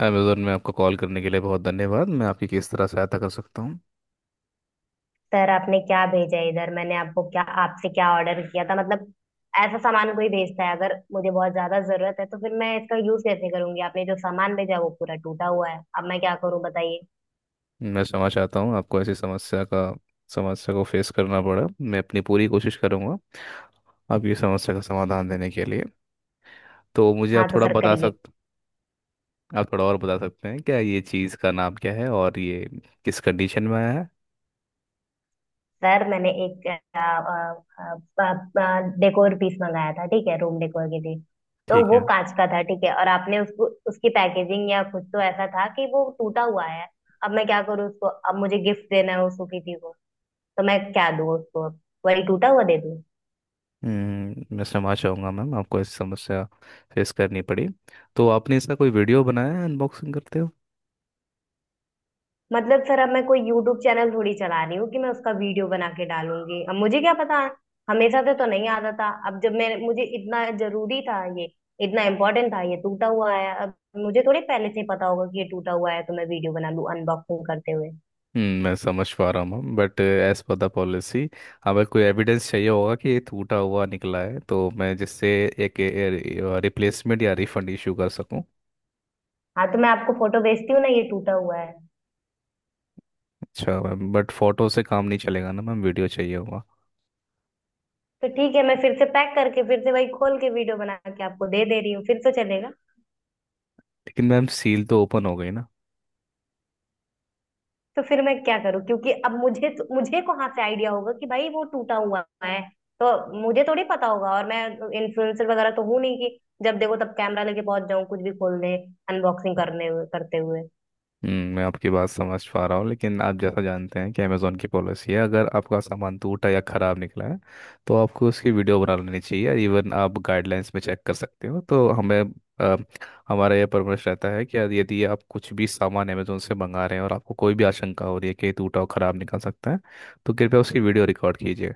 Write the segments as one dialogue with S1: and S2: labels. S1: Amazon में आपको call करने के लिए बहुत धन्यवाद। मैं आपकी किस तरह सहायता कर सकता हूँ?
S2: सर, आपने क्या भेजा है इधर? मैंने आपको क्या, आपसे क्या ऑर्डर किया था? मतलब ऐसा सामान कोई भेजता है? अगर मुझे बहुत ज्यादा जरूरत है तो फिर मैं इसका यूज कैसे करूंगी? आपने जो सामान भेजा वो पूरा टूटा हुआ है। अब मैं क्या करूं बताइए।
S1: मैं क्षमा चाहता हूँ आपको ऐसी समस्या को फेस करना पड़ा। मैं अपनी पूरी कोशिश करूँगा आपकी समस्या का समाधान देने के लिए। तो मुझे
S2: हाँ,
S1: आप
S2: तो
S1: थोड़ा
S2: सर
S1: बता
S2: करिए।
S1: सकते, आप थोड़ा और बता सकते हैं क्या, ये चीज़ का नाम क्या है और ये किस कंडीशन में आया है?
S2: सर, मैंने एक डेकोर पीस मंगाया था, ठीक है, रूम डेकोर के लिए। तो
S1: ठीक
S2: वो
S1: है।
S2: कांच का था, ठीक है, और आपने उसको उसकी पैकेजिंग या कुछ तो ऐसा था कि वो टूटा हुआ है। अब मैं क्या करूँ उसको? अब मुझे गिफ्ट देना है उसको किसी को, तो मैं क्या दूँ उसको? वही टूटा हुआ दे दूँ?
S1: मैं क्षमा चाहूँगा मैम आपको ऐसी समस्या फेस करनी पड़ी। तो आपने इसका कोई वीडियो बनाया है अनबॉक्सिंग करते?
S2: मतलब सर, अब मैं कोई यूट्यूब चैनल थोड़ी चला रही हूँ कि मैं उसका वीडियो बना के डालूंगी। अब मुझे क्या पता, हमेशा से तो नहीं आता था। अब जब मैं मुझे इतना जरूरी था ये, इतना इम्पोर्टेंट था ये, टूटा हुआ है। अब मुझे थोड़ी पहले से ही पता होगा कि ये टूटा हुआ है तो मैं वीडियो बना लूँ अनबॉक्सिंग करते हुए।
S1: मैं समझ पा रहा हूँ but as per the policy अगर कोई एविडेंस चाहिए होगा कि ये टूटा हुआ निकला है तो मैं जिससे एक रिप्लेसमेंट या रिफंड इशू कर सकूँ।
S2: हाँ तो मैं आपको फोटो भेजती हूँ ना, ये टूटा हुआ है।
S1: अच्छा मैम बट फोटो से काम नहीं चलेगा ना मैम, वीडियो चाहिए होगा।
S2: तो ठीक है, मैं फिर से पैक करके फिर से वही खोल के वीडियो बना के आपको दे दे रही हूँ, फिर तो चलेगा?
S1: लेकिन मैम सील तो ओपन हो गई ना।
S2: तो फिर मैं क्या करूं, क्योंकि अब मुझे कहाँ से आइडिया होगा कि भाई वो टूटा हुआ है? तो मुझे थोड़ी पता होगा, और मैं इन्फ्लुएंसर वगैरह तो हूं नहीं कि जब देखो तब कैमरा लेके पहुंच जाऊं कुछ भी खोल दे अनबॉक्सिंग करने हुए करते हुए।
S1: मैं आपकी बात समझ पा रहा हूँ लेकिन आप जैसा जानते हैं कि अमेज़ॉन की पॉलिसी है, अगर आपका सामान टूटा या ख़राब निकला है तो आपको उसकी वीडियो बना लेनी चाहिए। इवन आप गाइडलाइंस में चेक कर सकते हो। तो हमें अ, हमारा यह परामर्श रहता है कि यदि यदि आप कुछ भी सामान अमेज़ॉन से मंगा रहे हैं और आपको कोई भी आशंका हो रही है कि ये टूटा और ख़राब निकल सकता है तो कृपया उसकी वीडियो रिकॉर्ड कीजिए।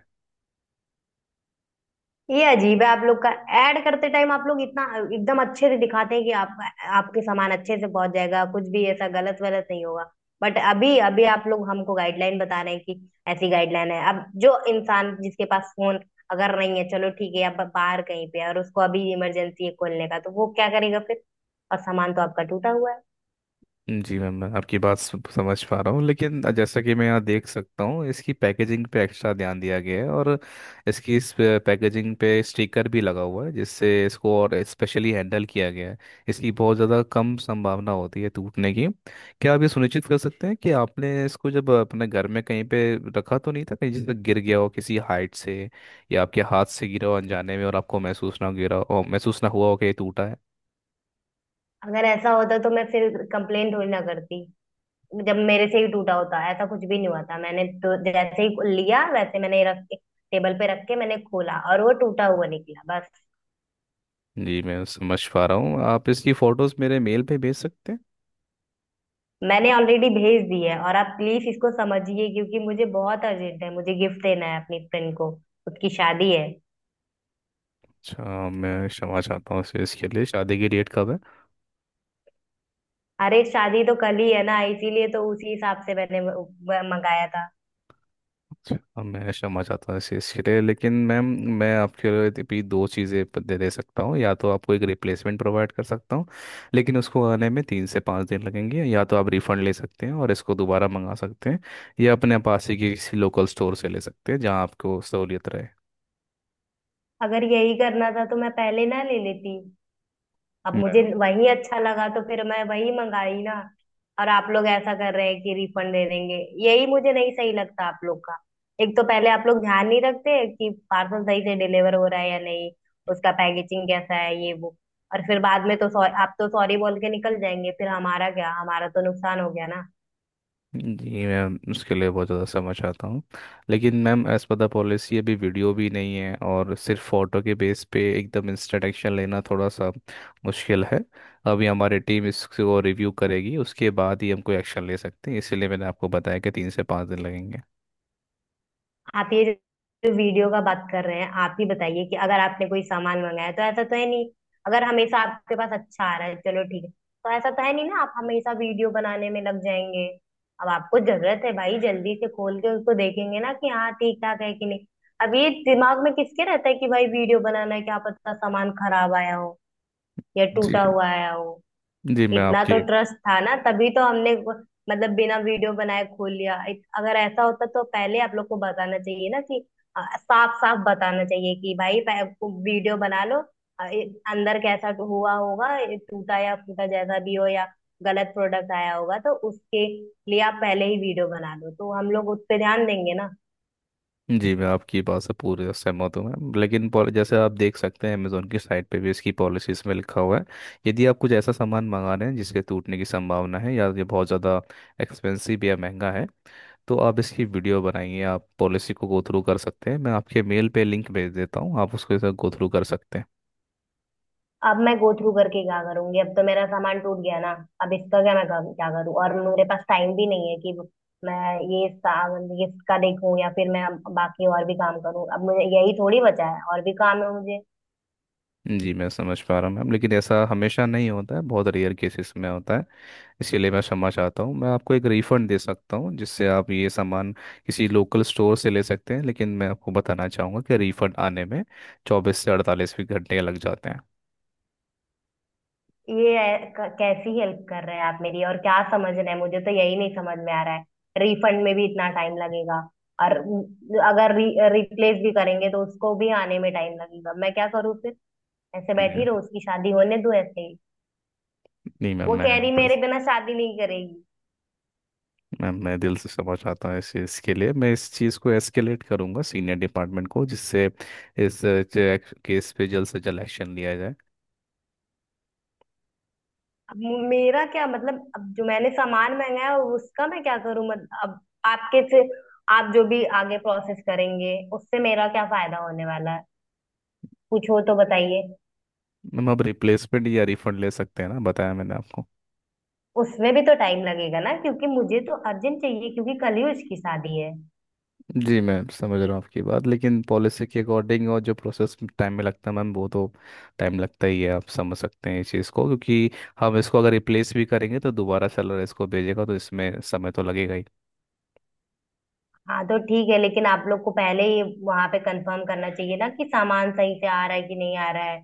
S2: ये अजीब है आप लोग का। ऐड करते टाइम आप लोग इतना एकदम अच्छे से दिखाते हैं कि आपका आपके सामान अच्छे से पहुंच जाएगा, कुछ भी ऐसा गलत वलत नहीं होगा। बट अभी अभी आप लोग हमको गाइडलाइन बता रहे हैं कि ऐसी गाइडलाइन है। अब जो इंसान जिसके पास फोन अगर नहीं है, चलो ठीक है, अब बाहर कहीं पे है और उसको अभी इमरजेंसी है खोलने का, तो वो क्या करेगा फिर? और सामान तो आपका टूटा हुआ है।
S1: जी मैम मैं आपकी बात समझ पा रहा हूँ लेकिन जैसा कि मैं यहाँ देख सकता हूँ, इसकी पैकेजिंग पे एक्स्ट्रा ध्यान दिया गया है और इसकी पैकेजिंग पे स्टिकर भी लगा हुआ है जिससे इसको और स्पेशली हैंडल किया गया है। इसकी बहुत ज़्यादा कम संभावना होती है टूटने की। क्या आप ये सुनिश्चित कर सकते हैं कि आपने इसको जब अपने घर में कहीं पे रखा तो नहीं था, कहीं जैसे गिर गया हो किसी हाइट से या आपके हाथ से गिरा हो अनजाने में और आपको महसूस ना हुआ हो कि ये टूटा है?
S2: अगर ऐसा होता तो मैं फिर कंप्लेंट थोड़ी ना करती, जब मेरे से ही टूटा होता। ऐसा कुछ भी नहीं हुआ था, मैंने तो जैसे ही लिया वैसे मैंने रख के, टेबल पे रख के मैंने खोला और वो टूटा हुआ निकला बस।
S1: जी मैं समझ पा रहा हूँ, आप इसकी फ़ोटोज़ मेरे मेल पे भेज सकते हैं।
S2: मैंने ऑलरेडी भेज दी है, और आप प्लीज इसको समझिए क्योंकि मुझे बहुत अर्जेंट है, मुझे गिफ्ट देना है अपनी फ्रेंड को, उसकी शादी है।
S1: अच्छा मैं क्षमा चाहता हूँ इसे इसके लिए, शादी की डेट कब है?
S2: अरे शादी तो कल ही है ना, इसीलिए तो उसी हिसाब से मैंने वो मंगाया था।
S1: अच्छा अब मैं क्षमा चाहता हूँ इसे इसके लिए लेकिन मैम, मैं आपके लिए भी दो चीज़ें दे दे सकता हूँ। या तो आपको एक रिप्लेसमेंट प्रोवाइड कर सकता हूँ लेकिन उसको आने में 3 से 5 दिन लगेंगे, या तो आप रिफ़ंड ले सकते हैं और इसको दोबारा मंगा सकते हैं या अपने पास ही किसी लोकल स्टोर से ले सकते हैं जहाँ आपको सहूलियत
S2: अगर यही करना था तो मैं पहले ना ले लेती। अब
S1: रहे।
S2: मुझे वही अच्छा लगा तो फिर मैं वही मंगाई ना। और आप लोग ऐसा कर रहे हैं कि रिफंड दे देंगे, यही मुझे नहीं सही लगता आप लोग का। एक तो पहले आप लोग ध्यान नहीं रखते कि पार्सल सही से डिलीवर हो रहा है या नहीं, उसका पैकेजिंग कैसा है, ये वो। और फिर बाद में तो सॉरी, आप तो सॉरी बोल के निकल जाएंगे, फिर हमारा क्या? हमारा तो नुकसान हो गया ना।
S1: जी मैम उसके लिए बहुत ज़्यादा समझ आता हूँ लेकिन ma'am as per the policy अभी वीडियो भी नहीं है और सिर्फ फ़ोटो के बेस पे एकदम इंस्टेंट एक्शन लेना थोड़ा सा मुश्किल है। अभी हमारी टीम इसको रिव्यू करेगी, उसके बाद ही हम कोई एक्शन ले सकते हैं, इसीलिए मैंने आपको बताया कि 3 से 5 दिन लगेंगे।
S2: आप ये जो वीडियो का बात कर रहे हैं, आप ही बताइए कि अगर आपने कोई सामान मंगाया है, तो ऐसा तो है नहीं, अगर हमेशा आपके पास अच्छा आ रहा है चलो ठीक है, तो ऐसा तो है नहीं ना आप हमेशा वीडियो बनाने में लग जाएंगे। अब आपको जरूरत है भाई, जल्दी से खोल के उसको देखेंगे ना कि हाँ ठीक ठाक है कि नहीं। अब ये दिमाग में किसके रहता है कि भाई वीडियो बनाना है, क्या पता सामान खराब आया हो या
S1: जी।
S2: टूटा हुआ आया हो?
S1: जी मैं
S2: इतना तो
S1: आपकी
S2: ट्रस्ट था ना, तभी तो हमने मतलब बिना वीडियो बनाए खोल लिया। अगर ऐसा होता तो पहले आप लोग को बताना चाहिए ना, कि साफ साफ बताना चाहिए कि भाई वीडियो बना लो, अंदर कैसा हुआ होगा, टूटा या फूटा जैसा भी हो, या गलत प्रोडक्ट आया होगा, तो उसके लिए आप पहले ही वीडियो बना लो तो हम लोग उस पे ध्यान देंगे ना।
S1: जी मैं आपकी बात से पूरी सहमत हूँ मैं, लेकिन जैसे आप देख सकते हैं अमेजोन की साइट पे भी इसकी पॉलिसीज में लिखा हुआ है, यदि आप कुछ ऐसा सामान मंगा रहे हैं जिसके टूटने की संभावना है या ये बहुत ज़्यादा एक्सपेंसिव या महंगा है तो आप इसकी वीडियो बनाइए। आप पॉलिसी को गो थ्रू कर सकते हैं, मैं आपके मेल पे लिंक भेज देता हूँ, आप उसके साथ गो थ्रू कर सकते हैं।
S2: अब मैं गो थ्रू करके क्या करूंगी, अब तो मेरा सामान टूट गया ना। अब इसका क्या मैं क्या करूँ? और मेरे पास टाइम भी नहीं है कि मैं ये इसका देखूं, या फिर मैं अब बाकी और भी काम करूँ। अब मुझे यही थोड़ी बचा है, और भी काम है मुझे।
S1: जी मैं समझ पा रहा हूँ मैम, लेकिन ऐसा हमेशा नहीं होता है, बहुत रेयर केसेस में होता है। इसीलिए मैं क्षमा चाहता हूँ, मैं आपको एक रिफंड दे सकता हूँ जिससे आप ये सामान किसी लोकल स्टोर से ले सकते हैं, लेकिन मैं आपको बताना चाहूँगा कि रिफंड आने में 24 से 48 भी घंटे लग जाते हैं।
S2: कैसी हेल्प कर रहे हैं आप मेरी, और क्या समझ रहे हैं मुझे, तो यही नहीं समझ में आ रहा है। रिफंड में भी इतना टाइम लगेगा, और अगर रिप्लेस भी करेंगे तो उसको भी आने में टाइम लगेगा। मैं क्या करूँ फिर, ऐसे
S1: जी।
S2: बैठी रहूं उसकी शादी होने दूं ऐसे ही?
S1: नहीं मैम
S2: वो
S1: मैं
S2: कह रही मेरे बिना शादी नहीं करेगी।
S1: मैम मैं दिल से क्षमा चाहता हूँ इस चीज़ के लिए। मैं इस चीज़ को एस्केलेट करूँगा सीनियर डिपार्टमेंट को, जिससे इस केस पे जल्द से जल्द एक्शन लिया जाए।
S2: अब मेरा क्या मतलब, अब जो मैंने सामान मंगाया है, उसका मैं क्या करूं? मत अब आपके से आप जो भी आगे प्रोसेस करेंगे उससे मेरा क्या फायदा होने वाला है? कुछ हो तो बताइए।
S1: मैम आप रिप्लेसमेंट या रिफंड ले सकते हैं ना, बताया मैंने आपको।
S2: उसमें भी तो टाइम लगेगा ना, क्योंकि मुझे तो अर्जेंट चाहिए, क्योंकि कल ही उसकी शादी है।
S1: जी मैं समझ रहा हूँ आपकी बात, लेकिन पॉलिसी के अकॉर्डिंग और जो प्रोसेस टाइम में लगता है मैम, वो तो टाइम लगता ही है। आप समझ सकते हैं इस चीज़ को क्योंकि हम इसको अगर रिप्लेस भी करेंगे तो दोबारा सेलर इसको भेजेगा, तो इसमें समय तो लगेगा ही।
S2: हाँ तो ठीक है, लेकिन आप लोग को पहले ही वहां पे कंफर्म करना चाहिए ना कि सामान सही से आ रहा है कि नहीं आ रहा है।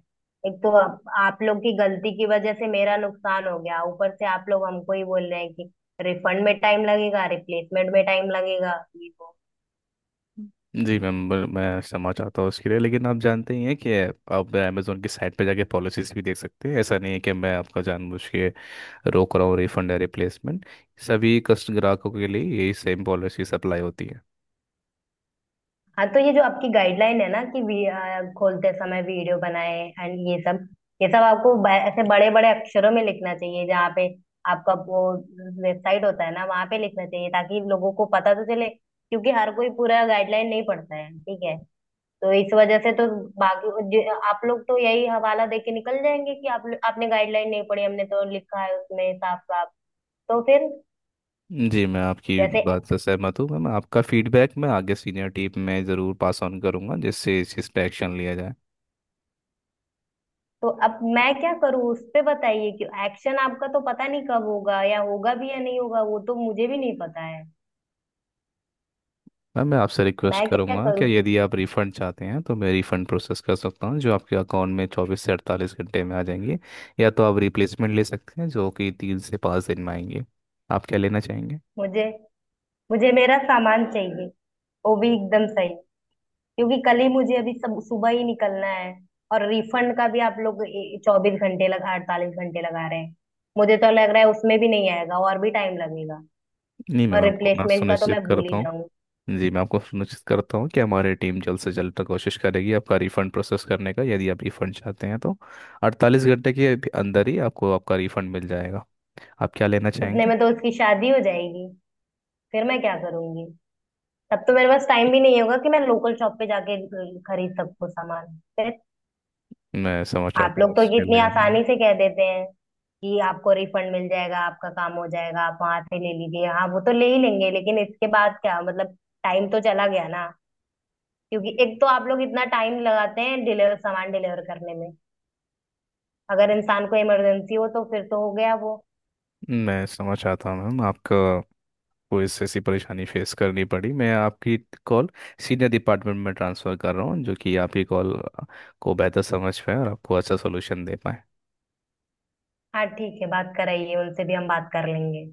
S2: एक तो आप लोग की गलती की वजह से मेरा नुकसान हो गया, ऊपर से आप लोग हमको ही बोल रहे हैं कि रिफंड में टाइम लगेगा, रिप्लेसमेंट में टाइम लगेगा, ये वो।
S1: जी मैम मैं क्षमा चाहता हूँ उसके लिए लेकिन आप जानते ही हैं कि आप अमेजोन की साइट पे जाके पॉलिसीज भी देख सकते हैं। ऐसा नहीं है कि मैं आपका जानबूझ के रोक रहा हूँ रिफंड या रिप्लेसमेंट। सभी कस्ट ग्राहकों के लिए यही सेम पॉलिसी अप्लाई होती है।
S2: हाँ, तो ये जो आपकी गाइडलाइन है ना कि खोलते समय वीडियो बनाए एंड ये सब, ये सब आपको ऐसे बड़े बड़े अक्षरों में लिखना चाहिए जहाँ पे आपका वो वेबसाइट होता है ना, वहां पे लिखना चाहिए ताकि लोगों को पता तो चले, क्योंकि हर कोई पूरा गाइडलाइन नहीं पढ़ता है, ठीक है। तो इस वजह से तो, बाकी आप लोग तो यही हवाला दे के निकल जाएंगे कि आप आपने गाइडलाइन नहीं पढ़ी, हमने तो लिखा है उसमें साफ साफ, तो फिर
S1: जी मैं आपकी
S2: जैसे।
S1: बात से सहमत हूँ मैम, आपका फीडबैक मैं आगे सीनियर टीम में ज़रूर पास ऑन करूँगा जिससे इस चीज़ पे एक्शन लिया जाए।
S2: तो अब मैं क्या करूँ उस पे बताइए, कि एक्शन आपका तो पता नहीं कब होगा, या होगा भी या नहीं होगा वो तो मुझे भी नहीं पता है।
S1: मैम मैं आपसे रिक्वेस्ट
S2: मैं क्या
S1: करूँगा कि
S2: करूँ?
S1: यदि आप रिफ़ंड चाहते हैं तो मैं रिफ़ंड प्रोसेस कर सकता हूँ जो आपके अकाउंट में 24 से 48 घंटे में आ जाएंगे, या तो आप रिप्लेसमेंट ले सकते हैं जो कि 3 से 5 दिन में आएंगे। आप क्या लेना चाहेंगे?
S2: मुझे, मुझे मेरा सामान चाहिए, वो भी एकदम सही, क्योंकि कल ही मुझे अभी सब सुबह ही निकलना है। और रिफंड का भी आप लोग 24 घंटे लगा, 48 घंटे लगा रहे हैं, मुझे तो लग रहा है उसमें भी नहीं आएगा, और भी टाइम लगेगा।
S1: नहीं मैम
S2: और
S1: आपको मैं
S2: रिप्लेसमेंट का तो
S1: सुनिश्चित
S2: मैं भूल ही
S1: करता हूँ।
S2: जाऊं,
S1: जी मैं आपको सुनिश्चित करता हूँ कि हमारी टीम जल्द से जल्द कोशिश करेगी आपका रिफंड प्रोसेस करने का। यदि आप रिफंड चाहते हैं तो 48 घंटे के अंदर ही आपको आपका रिफंड मिल जाएगा। आप क्या लेना
S2: उतने
S1: चाहेंगे?
S2: में तो उसकी शादी हो जाएगी, फिर मैं क्या करूंगी? तब तो मेरे पास टाइम भी नहीं होगा कि मैं लोकल शॉप पे जाके खरीद सकूं सामान फिर।
S1: मैं समझ
S2: आप
S1: चाहता हूँ
S2: लोग तो
S1: उसके
S2: कितनी
S1: लिए मैम।
S2: आसानी से कह देते हैं कि आपको रिफंड मिल जाएगा, आपका काम हो जाएगा, आप वहां से ले लीजिए। हाँ, वो तो ले ही लेंगे, लेकिन इसके बाद क्या मतलब? टाइम तो चला गया ना, क्योंकि एक तो आप लोग इतना टाइम लगाते हैं डिलीवर, सामान डिलीवर करने में। अगर इंसान को इमरजेंसी हो तो फिर तो हो गया वो।
S1: मैं समझ चाहता हूँ मैम आपका, कोई ऐसी ऐसी परेशानी फेस करनी पड़ी। मैं आपकी कॉल सीनियर डिपार्टमेंट में ट्रांसफ़र कर रहा हूँ, जो कि आपकी कॉल को बेहतर समझ पाए और आपको अच्छा सोल्यूशन दे पाए।
S2: हाँ ठीक है, बात कराइए, उनसे भी हम बात कर लेंगे।